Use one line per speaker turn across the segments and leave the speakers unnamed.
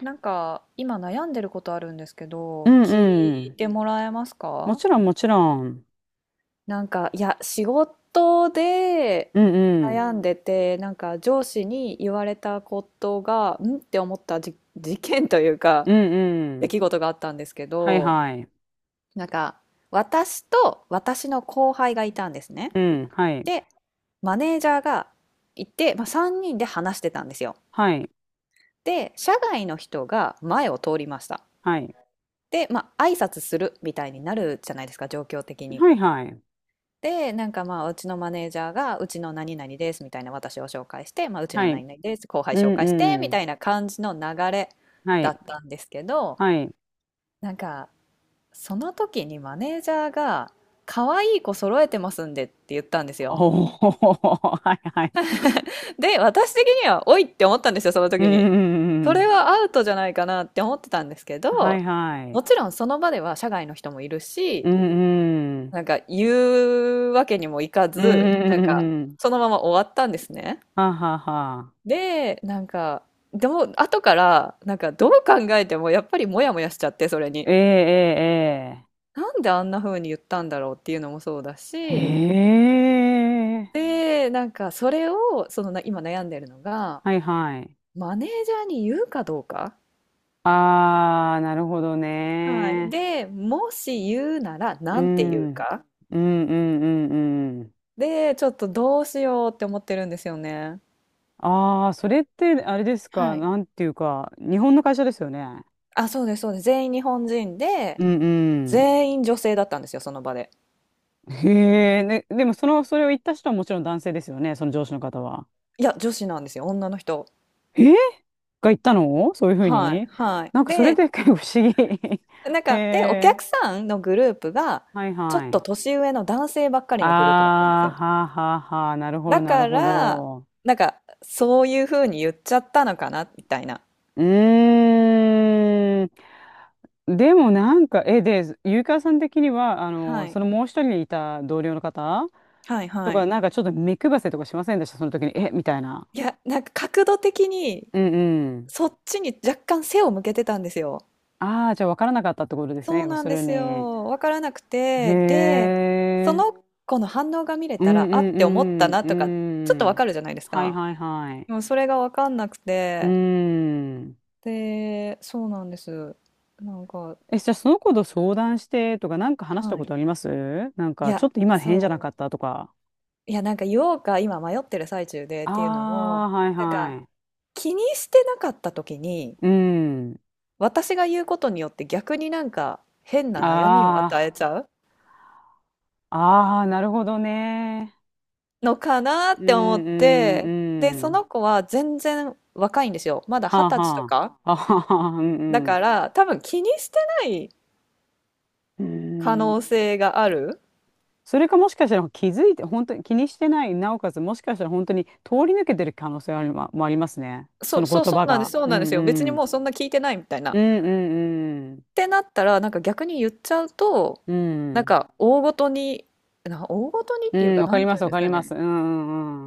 なんか今悩んでることあるんですけ
う
ど、
ん
聞
う
い
ん。
てもらえます
も
か。
ちろんもちろん。
なんか、いや、仕事で
うんうん。
悩んでて、なんか上司に言われたことが、んって思った事件というか、
うんう
出
ん。
来事があったんですけ
はい
ど、
はい。
なんか、私と私の後輩がいたんですね。
うん。はい。
で、マネージャーがいて、まあ、3人で話してたんですよ。
はい。
で、社外の人が前を通りました。
はい。
で、まあ、挨拶するみたいになるじゃないですか、状況的に。
はいはい。
で、なんかまあ、うちのマネージャーが、うちの何々ですみたいな私を紹介して、まあ、うち
は
の
い。
何々です、後輩
う
紹介して
んう
みた
ん。
いな感じの流れ
は
だ
い。
ったんですけど、
はい。
なんか、その時にマネージャーが、可愛い子揃えてますんでって言ったんですよ。
おお。はいはい。
で、私的には、おいって思ったんですよ、その
うん
時に。
うんう
それ
ん。
はアウトじゃないかなって思ってたんですけ
は
ど、
いはい。
もちろんその場では社外の人もいるし、
うんうんはいはいおはいはい
なんか言うわけにもいか
うん
ず、なん
うん
か
うん。
そのまま終わったんですね。
ははは。
で、なんか、でも後から、なんかどう考えてもやっぱりモヤモヤしちゃって、それに。
ええ
なんであんな風に言ったんだろうっていうのもそうだ
ええ。え
し、
え。ええ
で、なんかそれを、そのな今悩んでるのが、
はいはい。
マネージャーに言うかどうか。
ああ、なるほど
はい。
ね。
で、もし言うなら
う
なんて言
ん、
う
うん
か。
うんうんうん。
で、ちょっとどうしようって思ってるんですよね。
ああ、それってあれですか、
はい。
なんていうか、日本の会社ですよね。
あ、そうです、そうです。全員日本人で、
うんうん。
全員女性だったんですよ、その場で。
へえ、ね、でもその、それを言った人はもちろん男性ですよね、その上司の方は。
いや、女子なんですよ、女の人。
えーが言ったのそういうふう
はい、
に、
はい。
なんかそれ
で、
で結構不思議。
なん
へ
か、で、お
え、
客さんのグループが、
はい
ちょっ
は
と
い。
年上の男性ばっかり
あ
のグループだったんです
あ、
よ。
はあはあはあ、なるほど
だ
なる
か
ほ
ら、
ど。
なんか、そういう風に言っちゃったのかな、みたいな。
うーん。でもなんか、え、で、ゆうかわさん的には、あの、
はい、
そのもう一人いた同僚の方
はい、
と
は
か、
い。
なんかちょっと目配せとかしませんでした、その時に。え、みたいな。
いや、なんか角度的に、
うんうん。
そっちに若干背を向けてたんですよ。
ああ、じゃあ分からなかったってことですね、
そう
要
な
す
んで
る
す
に。
よ。わからなく
へ
て、で、そ
え。
の子の反応が見れ
うん
たら、あっ
う
て思った
ん
な
う
とか、ちょっと
ん。う
わ
ん。
かるじゃないです
はい
か。
はいはい。
でもそれがわかんなく
う
て、
ん。
で、そうなんです。なんか、
え、じゃあその子と相談してとか、なんか話した
は
こと
い。
ありますなん
い
か、ちょ
や、
っと今変じゃなか
そ
ったとか。
う。いや、なんか言おうか、今迷ってる最中でっ
あ
ていうの
あ、
も、
はい
なん
は
か、
い。
気にしてなかった時に、
うん。
私が言うことによって逆になんか変な悩みを与え
あ
ちゃう
あ、ああ、なるほどね。
のかなっ
うん、
て思っ
う
て、で、
ん、
そ
う
の
ん。
子は全然若いんですよ。まだ二
はあ、
十歳と
は
か。
あ。あはは、う
だ
ん、
から、多分気にしてない
う
可
ん。う
能
ん。
性がある。
それかもしかしたら気づいて、本当に気にしてない、なおかつもしかしたら本当に通り抜けてる可能性ありま、もありますね。そ
そう、
の
そう、
言
そ
葉
うなんです、
が。
そう
う
なんで
ん、
すよ。別
う
に
ん。
もうそんな聞いてないみたいな。
う
っ
ん、うん、うん。
てなったら、なんか逆に言っちゃうと、
う
なん
ん。
か大ごとに、大ごとにっ
う
ていう
ん、
か、
わか
な
り
ん
ま
て言う
す、
ん
わ
です
かり
か
ま
ね。
す。うん、う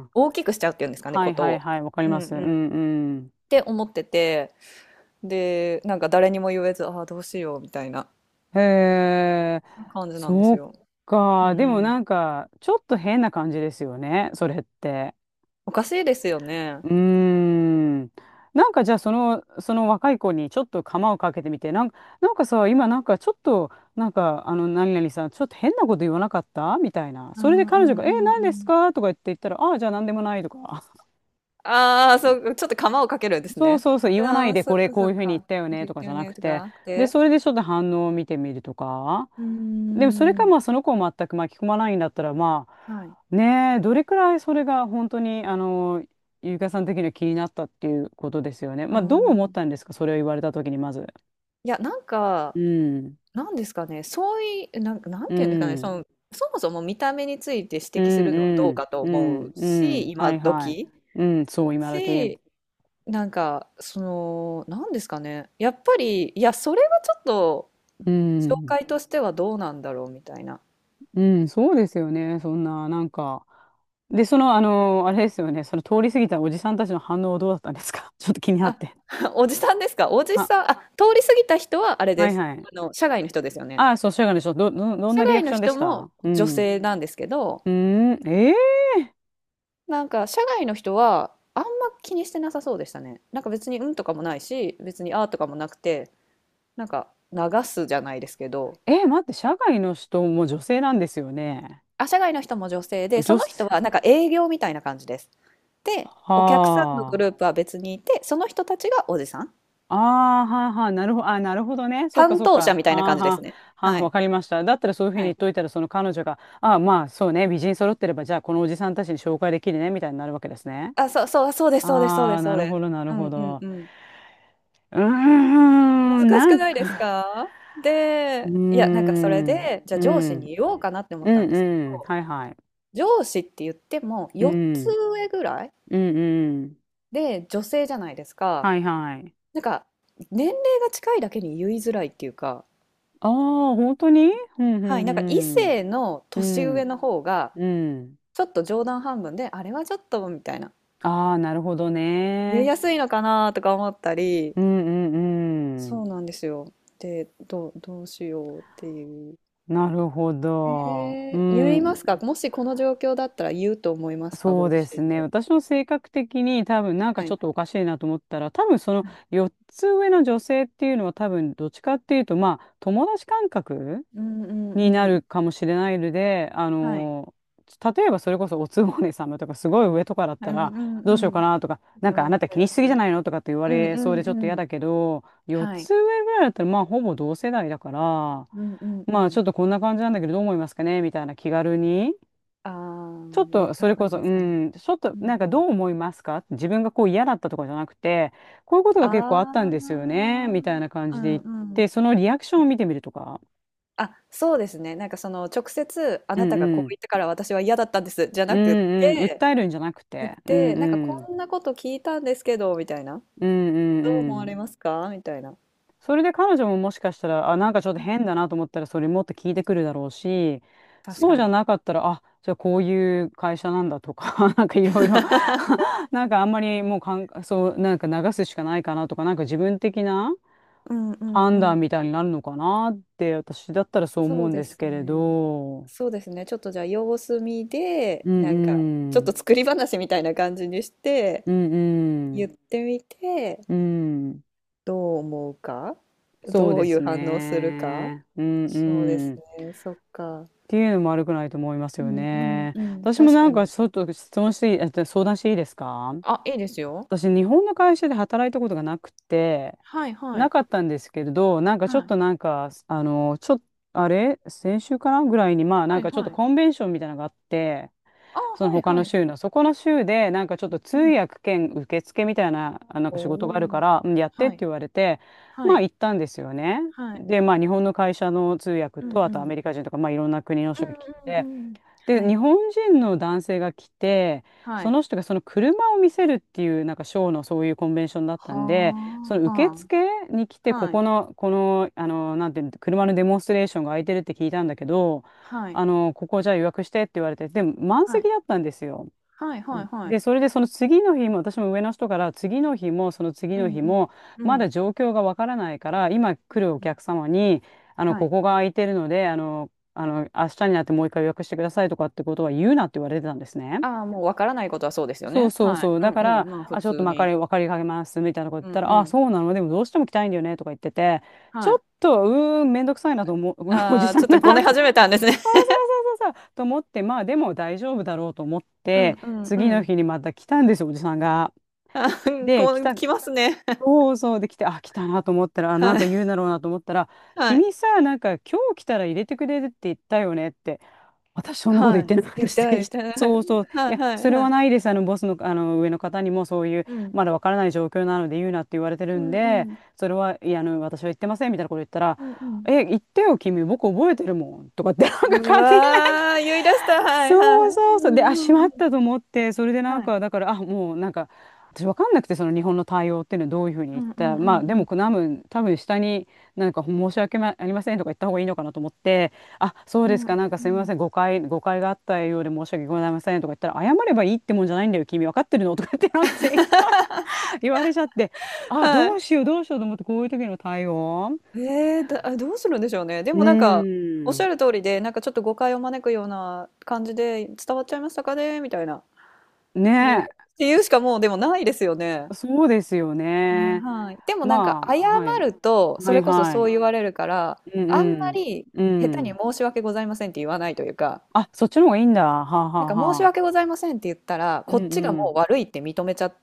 ん、うん。
大きくしちゃうっていうんですかね、
は
こ
い、
と
はい、
を。
はい、わかり
うん
ます。う
うん。っ
ん、うん。
て思ってて、で、なんか誰にも言えず、ああ、どうしようみたいな
へえ、
感じなんで
そ
す
う
よ。う
か。でも
ん。
なんか、ちょっと変な感じですよね、それって。
おかしいですよね。
うーん。なんかじゃあ、その、その若い子にちょっと釜をかけてみて、なんか、なんかさ、今なんかちょっと、なんか、あの、何々さん、ちょっと変なこと言わなかったみたいな。
う
それで
んう
彼女
ん
が、
う
え、
んう
何です
ん。
かとか言って言ったら、ああ、じゃあ何でもないとか。
ああ、そう、ちょっと釜をかけるんです
そう
ね。
そうそう、言
そ
わな
あ
い
あ、
で、
そ
こ
っ
れ
か
こ
そ
う
っ
いうふうに言っ
か。
たよね、
言っ
とか
て
じゃ
よ
な
ね、
く
と
て。
か、
で、
で、
それでちょっと反応を見てみるとか。
うー
でもそれか
ん。
まあその子を全く巻き込まないんだったら、ま
はい。
あねえ、どれくらいそれが本当にあの、ゆうかさん的には気になったっていうことですよね。
う
まあどう思っ
ん。
たんですか、それを言われた時にまず。
いや、なんか、
うん。
なんですかね、そういう、なんか、なん
う
ていうんですかね、そ
ん。
の、そもそも見た目について指
う
摘す
ん
るのはどうかと
う
思う
んう
し、
ん、は
今
いはい、
時
うんそう今時、
し、なんか、その、なんですかね、やっぱり、いや、それはちょっと、
う
紹
ん
介としてはどうなんだろうみたいな。
うん、そうですよね。そんななんか、でそのあのあれですよね、その通り過ぎたおじさんたちの反応はどうだったんですか。 ちょっと気になっ
あ、
て。
おじさんですか。おじさん、
あ、
あ、通り過ぎた人はあれ
は
で
い
す。
はい。
社外の人ですよね。
ああ、そう、社外の人、ど、ど、どん
社
なリア
外
ク
の
ションで
人
し
も
た。う
女
ん。
性なんですけど、
うーん、えー、
なんか社外の人はあんま気にしてなさそうでしたね。なんか別にうんとかもないし、別にあーとかもなくて、なんか流すじゃないですけど、
えー、待って、社外の人も女性なんですよね。
あ、社外の人も女性で、そ
女
の人
性、
はなんか営業みたいな感じです。で、お客さんのグ
は
ルー
あ。
プは別にいて、その人たちがおじさん。
ああ、はあ、はあ、なるほど、あー、なるほどね。そっか、
担
そっ
当者
か。
みたいな
はあ、
感じです
は
ね。
あ、はあ、
は
わ
い。
かりました。だったらそういうふうに
は
言っ
い、
といたら、その彼女が、ああ、まあ、そうね、美人揃ってれば、じゃあ、このおじさんたちに紹介できるね、みたいになるわけですね。
あ、そうそう、そうですそうですそう
あ
で
あ、
すそ
な
う
る
です。
ほど、なる
うん
ほ
うん
ど。
うん。
うーん、
難
な
しく
ん
ない
か、
ですか？
うー
で、いや、なんかそれ
ん、
で、じゃあ
う
上司
ん、
に言おうかなって思っ
う
たんで
ん、
すけ
うん、
ど、
はいはい。
上司って言っても
う
4つ
ん、
上ぐらい
うん、うん。
で女性じゃないですか。
はいはい。
なんか年齢が近いだけに言いづらいっていうか、
ああ、本当に。うん、う
はい、なんか異
ん、
性の
うん。う
年上
ん、
の方が
うん。
ちょっと冗談半分で、あれはちょっとみたいな、
ああ、なるほど
言い
ね。
やすいのかなとか思ったり、
うん、うん、う
そ
ん。
うなんですよ。で、どうしようっていう。
なるほど。う
ええ、言いま
ん、
すか？もしこの状況だったら言うと思いますか？
そ
ご
う
自
です
身
ね。
で。
私の性格的に多分なんか
は
ちょ
い。
っとおかしいなと思ったら、多分その
はい。
4つ上の女性っていうのは多分どっちかっていうと、まあ、友達感覚
うんうん
にな
うん。
るかもしれないので、あ
はい。
の、例えばそれこそおつぼね様とかすごい上とかだっ
うん
た
う
ら
ん
ど
う
うしようか
ん。
なとか、なん
で
かあ
も、わ
なた
か
気
り
に
ま
しすぎじ
す？
ゃないのとかって言わ
うん
れ
う
そう
ん
でちょっ
う
と嫌
ん。
だけど、4
はい。
つ上ぐらいだったらまあほぼ同世代だから、
うんうんう
まあち
ん。
ょっとこんな感じなんだけどどう思いますかねみたいな気軽に。
ああ、
ちょっ
言っ
と
た
そ
方
れ
が
こ
いい
そ、
で
う
すかね。
ん、ちょっと
うん
なん
う
か
ん。
どう思いますか、自分がこう嫌だったとかじゃなくて、こういうことが
あ
結構あった
あ、
んですよね、みたいな感
う
じで言
ん
っ
うん。
て、そのリアクショ
は
ンを
い。
見てみるとか。
あ、そうですね。なんかその直接あ
う
な
ん
た
う
がこう
ん
言ったから私は嫌だったんですじゃ
う
なく
んうん、
て
訴えるんじゃなく
な
て、
く
うん
て、なんか
う
こ
ん、
んなこと聞いたんですけどみたいな。
うんう
どう思
んう
われ
ん。
ますか？みたいな。は
それで彼女ももしかしたら、あ、なんかちょっと変
い、
だなと思ったら、それもっと聞いてくるだろうし、
確
そう
か
じゃ
に。
なかったら、あ、じゃあこういう会社なんだとか、なんかいろいろ、 なんかあんまりもうかん、そう、なんか流すしかないかなとか、なんか自分的な
うんうんう
判
ん。
断みたいになるのかなって、私だったらそう
そ
思う
う
ん
で
です
す
けれ
ね。
ど。
そうですね。ちょっとじゃあ様子見で、
う
なんかち
ん
ょっ
うん、
と作り話みたいな感じにして、
うんう
言
ん、
ってみて、
うん。
どう思うか、
そう
ど
で
ういう
す
反応するか。
ね。うん
そうで
う
す
ん。っ
ね、そっか。
ていうのも悪くないと思います
う
よ
んうん
ね。
うん、
私も
確
な
か
んか
に。
ちょっと質問していい、相談していいですか。
あ、いいですよ。
私、日本の会社で働いたことがなくて、
はいは
な
い。
かったんですけれど、なんかちょっ
はい。
となんか、あの、ちょっと、あれ先週かなぐらいに、まあなん
はい
かちょっと
はい。
コンベンションみたいなのがあって、
あ、
その
はい
他
は
の
い。
州の。そこの州で、なんかちょっと通
うん。
訳兼受付みたいな、あ、なん
お
か仕事があるか
お。
ら、うんやってっ
は
て
い。
言われて、
は
まあ
い。
行ったんですよね。
はい。
で、まあ日本の会社の通訳
うん
と、あ
う
とア
ん。
メリカ人とか、まあいろんな国の人が来
うん
て、
うんうん。
で、
は
日
い、
本人の男性が来て、
は
そ
い。
の人がその車を見せるっていう、なんかショーのそういうコンベンションだった
は
んで、その
あ、
受
は
付に来て、
あ、
こ
はい、
この、この、あの、なんていうの、車のデモンストレーションが空いてるって聞いたんだけど、
はい、
あの、ここじゃあ予約してって言われて、でも満
はい、
席だったんですよ。
はいはいは
で、
い。
それでその次の日も、私も上の人から次の日もその次
う
の
ん
日
うん。
も、
う
ま
ん、
だ状況がわからないから、今
う
来るお
ん。
客様に、あの、
は
こ
い。
こが空いてるので、あの、あの、明日になってもう一回予約してくださいとかってことは言うなって言われてたんですね。
ああ、もうわからないことはそうですよ
そう
ね。
そう
はい。
そう。
うん
だか
う
ら、
ん、まあ、普
あ、ちょっと
通
まか
に。
り、わかりかけますみたいなこと言っ
うん
た
う
ら、あ、
ん。
そうなの、でもどうしても来たいんだよねとか言ってて、ち
は
ょっ
い。
と、うーん、めんどくさいなと思う、おじ
ああ、
さん
ちょっと
だ
ご
なっ
ね
て。
始め
そう
たんですね。
そうそうそう、と思って、まあでも大丈夫だろうと思っ
う
て、
んうんう
次の
ん。
日にまた来たんですよ、おじさんが。
ああ、
で、
こ
来
う
た、
来ますね。
そうそうで来て、あ、来たなと思った ら、あ、なん
はい、
か言うだろうなと思ったら、
はい、
君さ、なんか今日来たら入れてくれるって言ったよねって。私そんなこと言
は
っ
い。
てなかっ
言
た
っ
し
て
て
は
いい
い
人。
た。 は
そうそう。い
い、
や、
は
そ
い
れ
は
は
い。
ないです。ボスの、上の方にもそういう、
うん。
まだわからない状況なので言うなって言われて
う
るん
んう
で、
ん。
それは、いや、私は言ってませんみたいなこと言ったら、
うんうん。
え、言ってよ、君、僕覚えてるもん。とかって、なんか
う
勝手になんか、
わー、言い出した。はいは
そ
い。
うそう
う
そう。で、あ、
ん
しま
う
っ
ん。
たと思って、それでなん
はい。
か、だから、あ、もうなんか、私わかんなくて、その日本の対応っていうのはどういうふうに
う
言っ
んう
た。
んう
まあ、
んう
でも、
ん。
多分下に、なんか申し訳まありませんとか言った方がいいのかなと思って、あ、そう
う
で
ん
す
うん
か。なんか
う
すみま
ん。
せん。誤解があったようで申し訳ございませんとか言ったら、謝ればいいってもんじゃないんだよ。君分かってるのとか言って、なんか正義感 言われちゃって、あ、
は
どうしようと思って、こういう時の対応。
い。ええ、どうするんでしょうね。で
うー
もなんか、おっしゃ
ん。
る通りで、なんかちょっと誤解を招くような感じで「伝わっちゃいましたかね？」みたいな。
ね
で、っ
え。
ていうしかもうでもないですよね。
そそうですよ
ね、
ね。
はい。でもなんか
ま
謝
あ、はい。
ると、そ
はい
れこそ
は
そう
い。
言われるから、
う
あんま
ん
り
うん。
下手
う
に
ん。
「申し訳ございません」って言わないというか、
あ、そっちの方がいいんだ。はあは
なん
あ
か「申し
はあ。
訳ございません」って言ったら、
う
こっ
ん
ちが
う
も
ん。
う悪いって認めちゃっ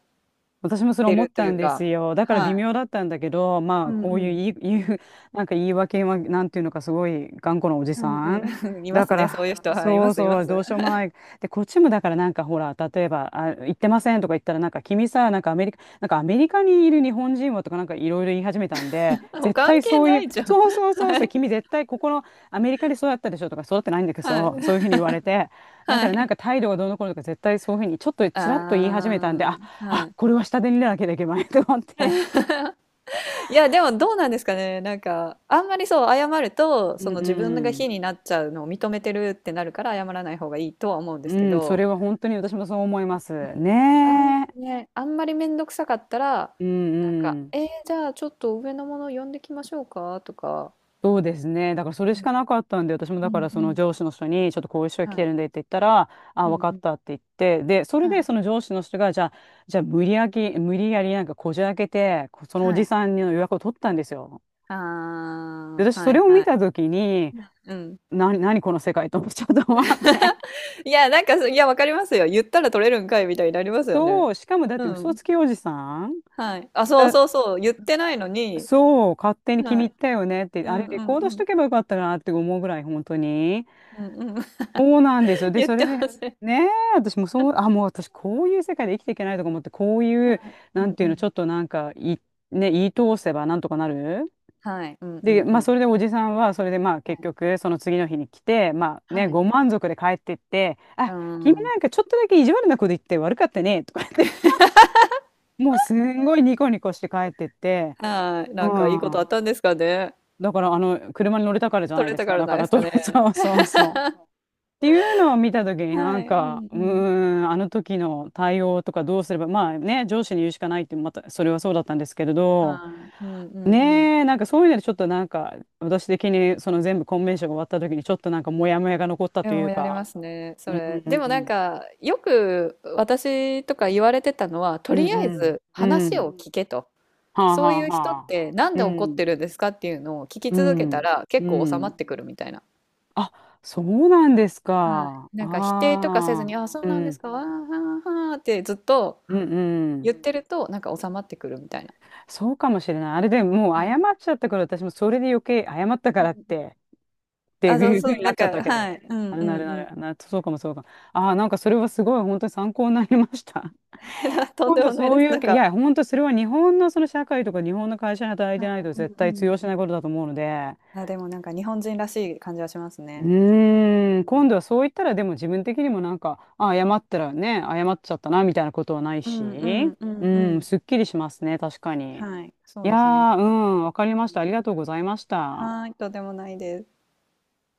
私もそれ
て
思っ
ると
た
い
ん
う
です
か、
よ。だから
は
微
い。
妙だったんだけど、ま
う
あ、
ん
こう
う
いう
ん。
言う、なんか言い訳は、なんていうのか、すごい頑固なおじ
う
さ
ん
ん。
うん。いま
だ
す
か
ね、そう
ら、
いう人。はい、い
そ
ま
う
すいま
そう、
す。
ど うしようもない。で、こっちもだからなんかほら、例えば、あ、行ってませんとか言ったら、なんか君さ、なんかアメリカにいる日本人はとかなんかいろいろ言い始めたんで、
もう
絶
関
対
係
そうい
な
う、
いじゃん。
そうそう そう
は
そう、
い、
君絶対ここのアメリカで育ったでしょとか、育ってないんだけ
はい、
ど、そういうふうに言われて、だか
は
らなん
い。
か態度がどうのこうのとか絶対そういうふうにちょっと
あ
ちらっと言い始めたんで、あ
あ、は
あ、
い。
これは下で見なきゃいけないと思って。
いや、でもどうなんですかね。なんか、あんまりそう、謝ると、
う
その自分が
ん
非になっちゃうのを認めてるってなるから、謝らない方がいいとは思うんで
う
すけ
ん。うん、そ
ど、
れは本当に私もそう思います。
うん、
ねえ。
あんまりめんどくさかったら、
う
なん
ん
か、
うん。
じゃあちょっと上のもを呼んできましょうかとか。
そうですね。だからそれ
う
し
ん。
かなかったんで、私もだ
う
か
ん
ら
う
その
ん。
上司の人に、ちょっとこういう人が来
は
て
い。
るんでって言ったら、あ、
う
分
ん
か
う
っ
ん。
たって言って、で、それ
は
で
い。
その上司の人が、じゃあ無理やりなんかこじ開けて、こそのお
は
じ
い。
さんの予約を取ったんですよ。
あ
で、私
あ、
そ
は
れ
い
を見
は
た
い。
ときに、
うん。
何この世界と思っちゃったと思って。
いや、なんか、いや、わかりますよ。言ったら取れるんかいみたいになります よね。
そう、しかもだっ
う
て嘘
ん。
つきおじさん
はい。あ、そうそうそう。言ってないのに、
そう、勝手に気に
は
入っ
い。
たよねって、
う
あ
ん
れ
う
レ
ん
コー
う
ドし
ん。
とけばよかったなって思うぐらい、本当に。
うんうん。
そうなんですよ。で、
言っ
それ
てま
で、
せん。
ねえ、私もそう、あ、もう私こういう世界で生きていけないとか思って、こうい
は
う、
い。
な
う
ん
ん
て
う
いうの、ち
ん。
ょっとなんか、い、ね、言い通せばなんとかなる。
はい。うんう
で、
んう
まあ、そ
ん。
れでおじさんは、それでまあ、
は
結
い。
局、その次の日に来て、まあね、
はい。う
ご満足で帰ってって、
ー
あ、君
ん。
なんかちょっとだけ意地悪なこと言って悪かったね、とか言って、もうすんごいニコニコして帰ってって、
はい。
う
なんかいいことあ
ん。
ったんですかね。
だから、あの、車に乗れたからじゃな
取
い
れ
で
た
す
か
か。
ら
だ
な
か
いで
ら、
す
ト
か
ラ
ね。
そうそうそう。っていうのを見たときにな
は
ん
い。う
か、
んうん。
あの時の対応とかどうすれば、まあね、上司に言うしかないって、また、それはそうだったんですけれど、
はい。うんうんうん。
ねえ、なんかそういうのでちょっとなんか、私的にその全部コンベンションが終わった時にちょっとなんかモヤモヤが残った
で
とい
も
う
やり
か、
ますね、そ
うんうん
れ。
う
でもなん
ん、
か、よく私とか言われてたのは、と
うん
り
う
あえ
ん、
ず
う
話う
ん、
をん、聞けと。
はあは
そう
あ
いう人っ
はあ、
てなん
う
で怒っ
ん、
てるんですかっていうのを聞き
う
続けた
ん、
ら結
う
構収ま
ん。
ってくるみたいな。
あ、そうなんです
は
か。
い。なんか否定とかせず
ああ、
に、あ、そう
う
なんです
ん。
か、あーはーはーってずっと
うんうん。
言ってると、なんか収まってくるみたいな。
そうかもしれない。あれでもう
は
謝
い。
っちゃったから、私もそれで余計謝った
う
か
ん
らっ
うん、
て、って
あ、そ
い
う
うふう
そ
に
う、な
なっ
ん
ちゃったわ
か、
けで
はい。
ね。
うん
なる
う
なる
んう
なる。
ん。
そうかもそうかも。ああ、なんかそれはすごい本当に参考になりました。
とん
今
で
度
もない
そ
で
う
す。
い
な
う、
ん
い
か、
や、本当それは日本のその社会とか日本の会社に働い
は
て
い。
ないと絶
うん
対通
うん。
用しないことだと思うので、
あ、でもなんか日本人らしい感じはしますね。う
今
ん
度はそう言ったらでも自分的にもなんか、あ、謝ったらね、謝っちゃったなみたいなことはない
うんう
し、
んう
う
んう
ん、
ん。
すっきりしますね、確かに。
はい、そ
い
う
や
ですね。な
ー、
ん
う
か
ん、わかりま
う
した。
ん。
ありがとうございました。
はーい、とでもないです。